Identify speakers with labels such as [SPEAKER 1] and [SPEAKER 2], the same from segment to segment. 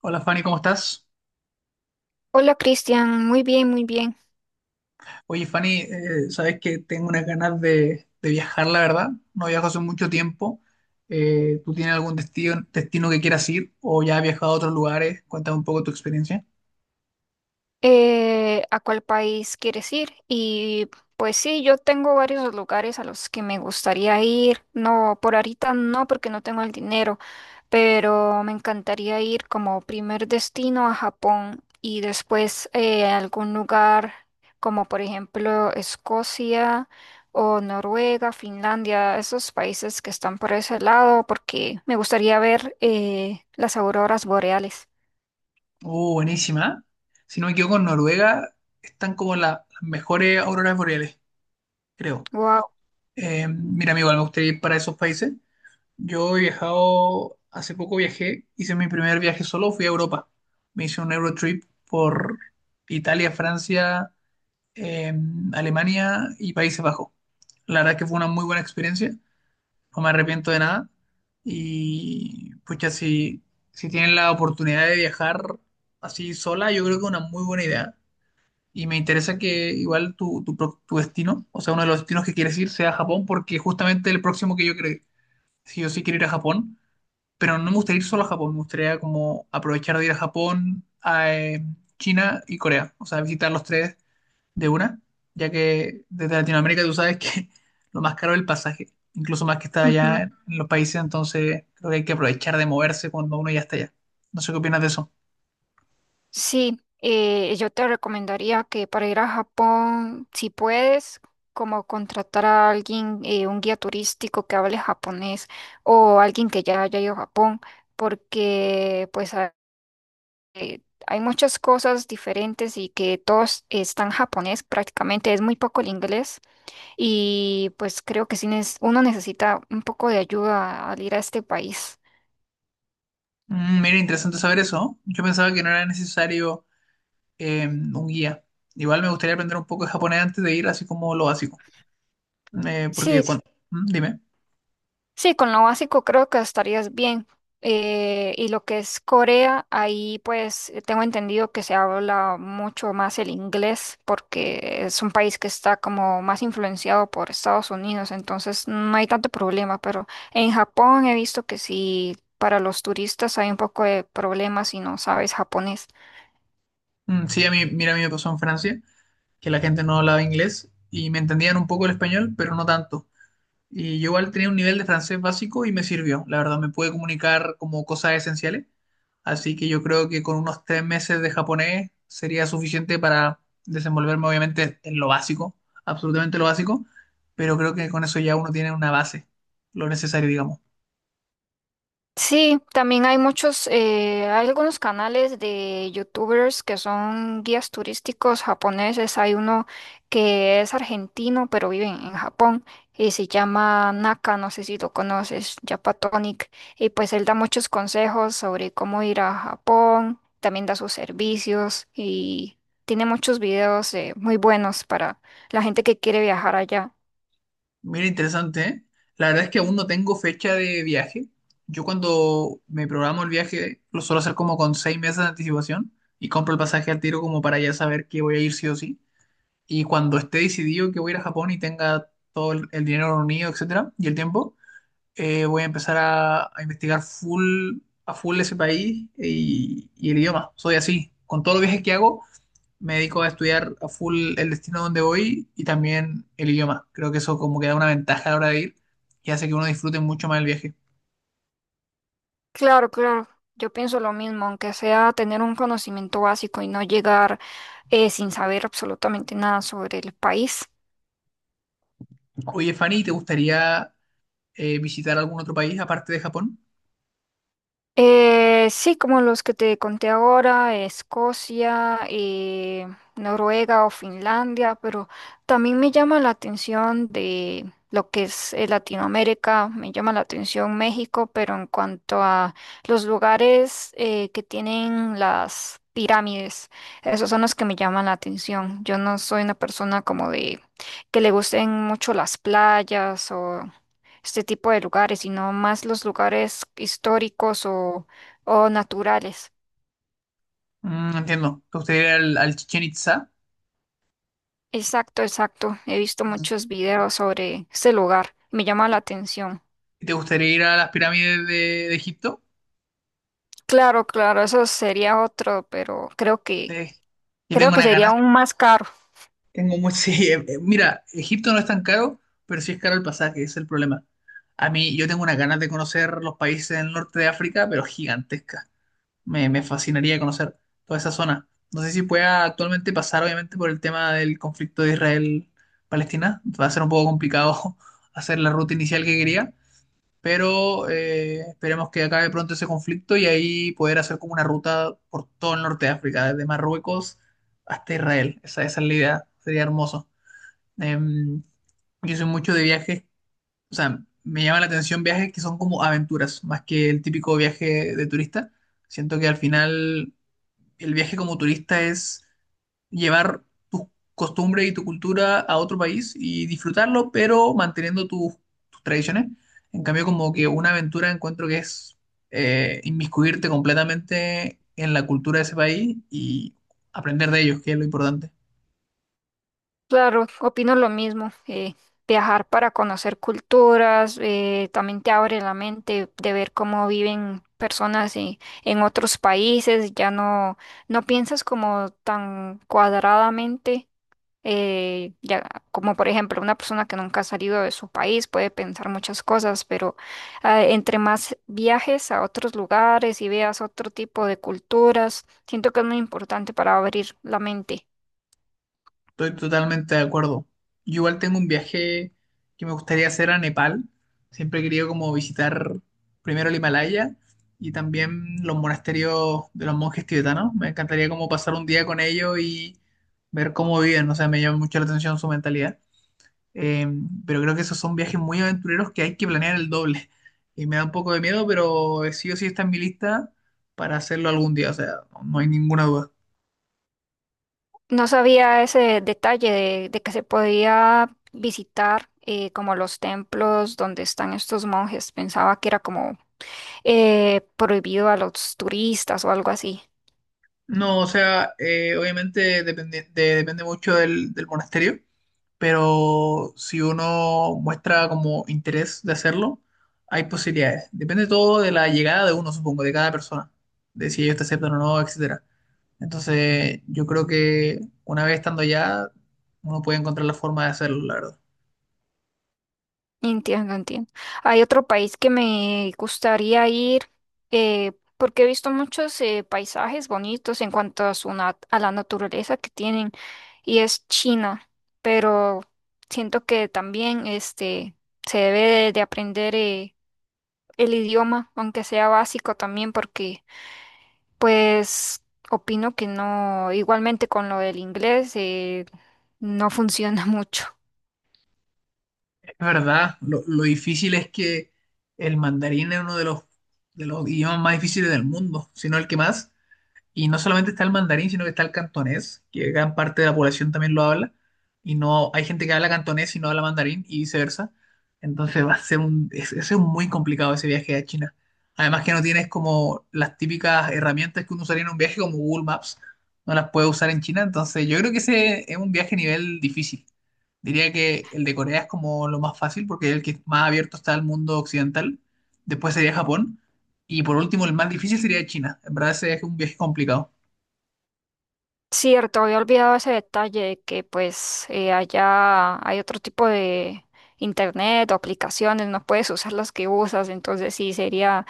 [SPEAKER 1] Hola Fanny, ¿cómo estás?
[SPEAKER 2] Hola Cristian, muy bien, muy bien.
[SPEAKER 1] Oye Fanny, sabes que tengo unas ganas de viajar, la verdad. No viajo hace mucho tiempo. ¿Tú tienes algún destino que quieras ir o ya has viajado a otros lugares? Cuéntame un poco tu experiencia.
[SPEAKER 2] ¿A cuál país quieres ir? Pues sí, yo tengo varios lugares a los que me gustaría ir. No, por ahorita no, porque no tengo el dinero, pero me encantaría ir como primer destino a Japón y después, a algún lugar como por ejemplo Escocia o Noruega, Finlandia, esos países que están por ese lado, porque me gustaría ver las auroras boreales.
[SPEAKER 1] Oh, buenísima. Si no me equivoco, en Noruega están como las mejores auroras boreales, creo.
[SPEAKER 2] Wow.
[SPEAKER 1] Mira, amigo, me gustaría ir para esos países. Yo he viajado, hace poco viajé, hice mi primer viaje solo, fui a Europa. Me hice un Eurotrip por Italia, Francia. eh, Alemania y Países Bajos. La verdad es que fue una muy buena experiencia, no me arrepiento de nada. Y pucha, si, si tienen la oportunidad de viajar así sola, yo creo que es una muy buena idea. Y me interesa que igual tu destino, o sea, uno de los destinos que quieres ir sea Japón, porque justamente el próximo que yo creo, si yo sí quiero ir a Japón, pero no me gustaría ir solo a Japón, me gustaría como aprovechar de ir a Japón, a China y Corea, o sea, visitar los tres de una, ya que desde Latinoamérica tú sabes que lo más caro es el pasaje, incluso más que estar allá
[SPEAKER 2] Ujú.
[SPEAKER 1] en los países, entonces creo que hay que aprovechar de moverse cuando uno ya está allá. No sé qué opinas de eso.
[SPEAKER 2] Sí, yo te recomendaría que para ir a Japón, si puedes, como contratar a alguien, un guía turístico que hable japonés o alguien que ya haya ido a Japón, porque hay muchas cosas diferentes y que todos están japonés prácticamente, es muy poco el inglés y pues creo que uno necesita un poco de ayuda al ir a este país.
[SPEAKER 1] Mm, mira, interesante saber eso, ¿no? Yo pensaba que no era necesario un guía. Igual me gustaría aprender un poco de japonés antes de ir, así como lo básico. Porque
[SPEAKER 2] Sí,
[SPEAKER 1] cuando... Mm, dime.
[SPEAKER 2] sí, con lo básico creo que estarías bien. Y lo que es Corea, ahí pues, tengo entendido que se habla mucho más el inglés porque es un país que está como más influenciado por Estados Unidos, entonces no hay tanto problema, pero en Japón he visto que sí, para los turistas hay un poco de problemas si no sabes japonés.
[SPEAKER 1] Mm, sí, mira, a mí me pasó en Francia, que la gente no hablaba inglés y me entendían un poco el español, pero no tanto. Y yo igual tenía un nivel de francés básico y me sirvió. La verdad, me pude comunicar como cosas esenciales. Así que yo creo que con unos 3 meses de japonés sería suficiente para desenvolverme, obviamente, en lo básico, absolutamente lo básico. Pero creo que con eso ya uno tiene una base, lo necesario, digamos.
[SPEAKER 2] Sí, también hay muchos, hay algunos canales de youtubers que son guías turísticos japoneses. Hay uno que es argentino, pero vive en Japón y se llama Naka, no sé si lo conoces, Japatonic. Y pues él da muchos consejos sobre cómo ir a Japón, también da sus servicios y tiene muchos videos, muy buenos para la gente que quiere viajar allá.
[SPEAKER 1] Mira, interesante, ¿eh? La verdad es que aún no tengo fecha de viaje. Yo cuando me programo el viaje lo suelo hacer como con 6 meses de anticipación y compro el pasaje al tiro como para ya saber que voy a ir sí o sí. Y cuando esté decidido que voy a ir a Japón y tenga todo el dinero reunido, etcétera, y el tiempo, voy a empezar a investigar full, a full ese país y el idioma. Soy así. Con todos los viajes que hago, me dedico a estudiar a full el destino donde voy y también el idioma. Creo que eso como que da una ventaja a la hora de ir y hace que uno disfrute mucho más el viaje.
[SPEAKER 2] Claro, claro. Yo pienso lo mismo, aunque sea tener un conocimiento básico y no llegar sin saber absolutamente nada sobre el país.
[SPEAKER 1] Oye, Fanny, ¿te gustaría visitar algún otro país aparte de Japón?
[SPEAKER 2] Sí, como los que te conté ahora, Escocia, Noruega o Finlandia, pero también me llama la atención de lo que es, Latinoamérica. Me llama la atención México, pero en cuanto a los lugares que tienen las pirámides, esos son los que me llaman la atención. Yo no soy una persona como de que le gusten mucho las playas o este tipo de lugares, sino más los lugares históricos o naturales.
[SPEAKER 1] Mm, entiendo. ¿Te gustaría ir al Chichén Itzá?
[SPEAKER 2] Exacto, exacto. He visto muchos videos sobre ese lugar. Me llama la
[SPEAKER 1] Mm.
[SPEAKER 2] atención.
[SPEAKER 1] ¿Te gustaría ir a las pirámides de Egipto?
[SPEAKER 2] Claro, claro, eso sería otro, pero
[SPEAKER 1] Eh, yo
[SPEAKER 2] creo
[SPEAKER 1] tengo
[SPEAKER 2] que
[SPEAKER 1] una
[SPEAKER 2] sería
[SPEAKER 1] ganas.
[SPEAKER 2] aún más caro.
[SPEAKER 1] Tengo muy... sí, mira, Egipto no es tan caro, pero sí es caro el pasaje, ese es el problema. A mí, yo tengo unas ganas de conocer los países del norte de África, pero gigantescas. Me fascinaría conocer toda esa zona. No sé si pueda actualmente pasar, obviamente, por el tema del conflicto de Israel-Palestina. Va a ser un poco complicado hacer la ruta inicial que quería, pero esperemos que acabe pronto ese conflicto y ahí poder hacer como una ruta por todo el norte de África, desde Marruecos hasta Israel. Esa es la idea, sería hermoso. Em, yo soy mucho de viajes, o sea, me llama la atención viajes que son como aventuras, más que el típico viaje de turista. Siento que al final el viaje como turista es llevar tus costumbres y tu cultura a otro país y disfrutarlo, pero manteniendo tus tradiciones. En cambio, como que una aventura encuentro que es inmiscuirte completamente en la cultura de ese país y aprender de ellos, que es lo importante.
[SPEAKER 2] Claro, opino lo mismo. Viajar para conocer culturas, también te abre la mente de ver cómo viven personas en otros países. Ya no, no piensas como tan cuadradamente. Eh, ya, Como por ejemplo, una persona que nunca ha salido de su país puede pensar muchas cosas, pero entre más viajes a otros lugares y veas otro tipo de culturas, siento que es muy importante para abrir la mente.
[SPEAKER 1] Estoy totalmente de acuerdo. Yo igual tengo un viaje que me gustaría hacer a Nepal. Siempre he querido como visitar primero el Himalaya y también los monasterios de los monjes tibetanos. Me encantaría como pasar un día con ellos y ver cómo viven. O sea, me llama mucho la atención su mentalidad. Eh, pero creo que esos son viajes muy aventureros que hay que planear el doble. Y me da un poco de miedo, pero sí o sí está en mi lista para hacerlo algún día. O sea, no hay ninguna duda.
[SPEAKER 2] No sabía ese detalle de que se podía visitar, como los templos donde están estos monjes. Pensaba que era como prohibido a los turistas o algo así.
[SPEAKER 1] No, o sea, obviamente depende mucho del monasterio, pero si uno muestra como interés de hacerlo, hay posibilidades. Depende todo de la llegada de uno, supongo, de cada persona, de si ellos te aceptan o no, etcétera. Entonces, yo creo que una vez estando allá, uno puede encontrar la forma de hacerlo, la verdad.
[SPEAKER 2] Entiendo, entiendo. Hay otro país que me gustaría ir eh, porque he visto muchos paisajes bonitos en cuanto a a la naturaleza que tienen y es China, pero siento que se debe de aprender, el idioma, aunque sea básico también, porque pues opino que no, igualmente con lo del inglés, no funciona mucho.
[SPEAKER 1] Es verdad, lo difícil es que el mandarín es uno de de los idiomas más difíciles del mundo, si no el que más. Y no solamente está el mandarín, sino que está el cantonés, que gran parte de la población también lo habla. Y no hay gente que habla cantonés y no habla mandarín y viceversa. Entonces va a ser ese es un muy complicado ese viaje a China. Además que no tienes como las típicas herramientas que uno usaría en un viaje como Google Maps, no las puedes usar en China. Entonces yo creo que ese es un viaje a nivel difícil. Diría que el de Corea es como lo más fácil porque es el que más abierto está al mundo occidental. Después sería Japón. Y por último, el más difícil sería China. En verdad, ese es un viaje complicado.
[SPEAKER 2] Cierto, había olvidado ese detalle de que pues, allá hay otro tipo de internet o aplicaciones, no puedes usar las que usas, entonces sí sería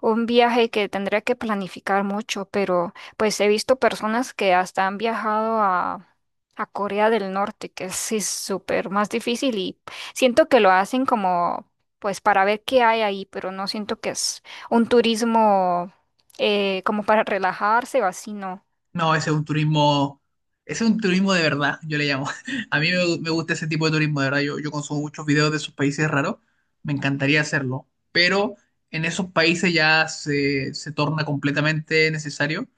[SPEAKER 2] un viaje que tendría que planificar mucho, pero pues he visto personas que hasta han viajado a Corea del Norte, que es sí, súper más difícil y siento que lo hacen como pues para ver qué hay ahí, pero no siento que es un turismo como para relajarse o así, no.
[SPEAKER 1] No, ese es un turismo, ese es un turismo de verdad, yo le llamo. A mí me gusta ese tipo de turismo, de verdad. Yo consumo muchos videos de esos países raros. Me encantaría hacerlo. Pero en esos países ya se torna completamente necesario,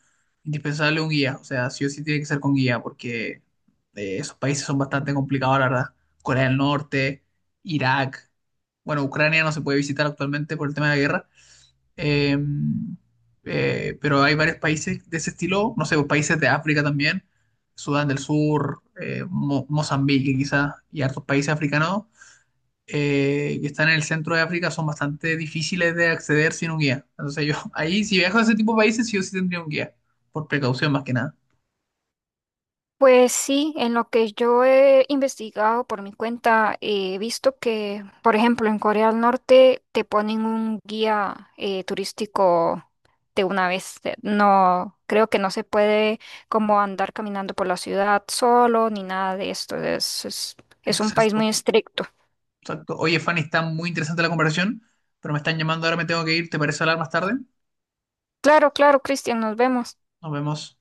[SPEAKER 1] indispensable un guía. O sea, sí o sí tiene que ser con guía, porque esos países son bastante complicados, la verdad. Corea del Norte, Irak. Bueno, Ucrania no se puede visitar actualmente por el tema de la guerra. Eh, pero hay varios países de ese estilo, no sé, países de África también, Sudán del Sur, Mozambique quizás, y hartos países africanos que están en el centro de África son bastante difíciles de acceder sin un guía. Entonces yo, ahí si viajo a ese tipo de países, sí o sí tendría un guía, por precaución más que nada.
[SPEAKER 2] Pues sí, en lo que yo he investigado por mi cuenta, he visto que, por ejemplo, en Corea del Norte te ponen un guía turístico de una vez. No, creo que no se puede como andar caminando por la ciudad solo ni nada de esto. Es un país
[SPEAKER 1] Exacto,
[SPEAKER 2] muy estricto.
[SPEAKER 1] exacto. Oye, Fanny, está muy interesante la conversación, pero me están llamando, ahora me tengo que ir, ¿te parece hablar más tarde?
[SPEAKER 2] Claro, claro, Cristian, nos vemos.
[SPEAKER 1] Nos vemos.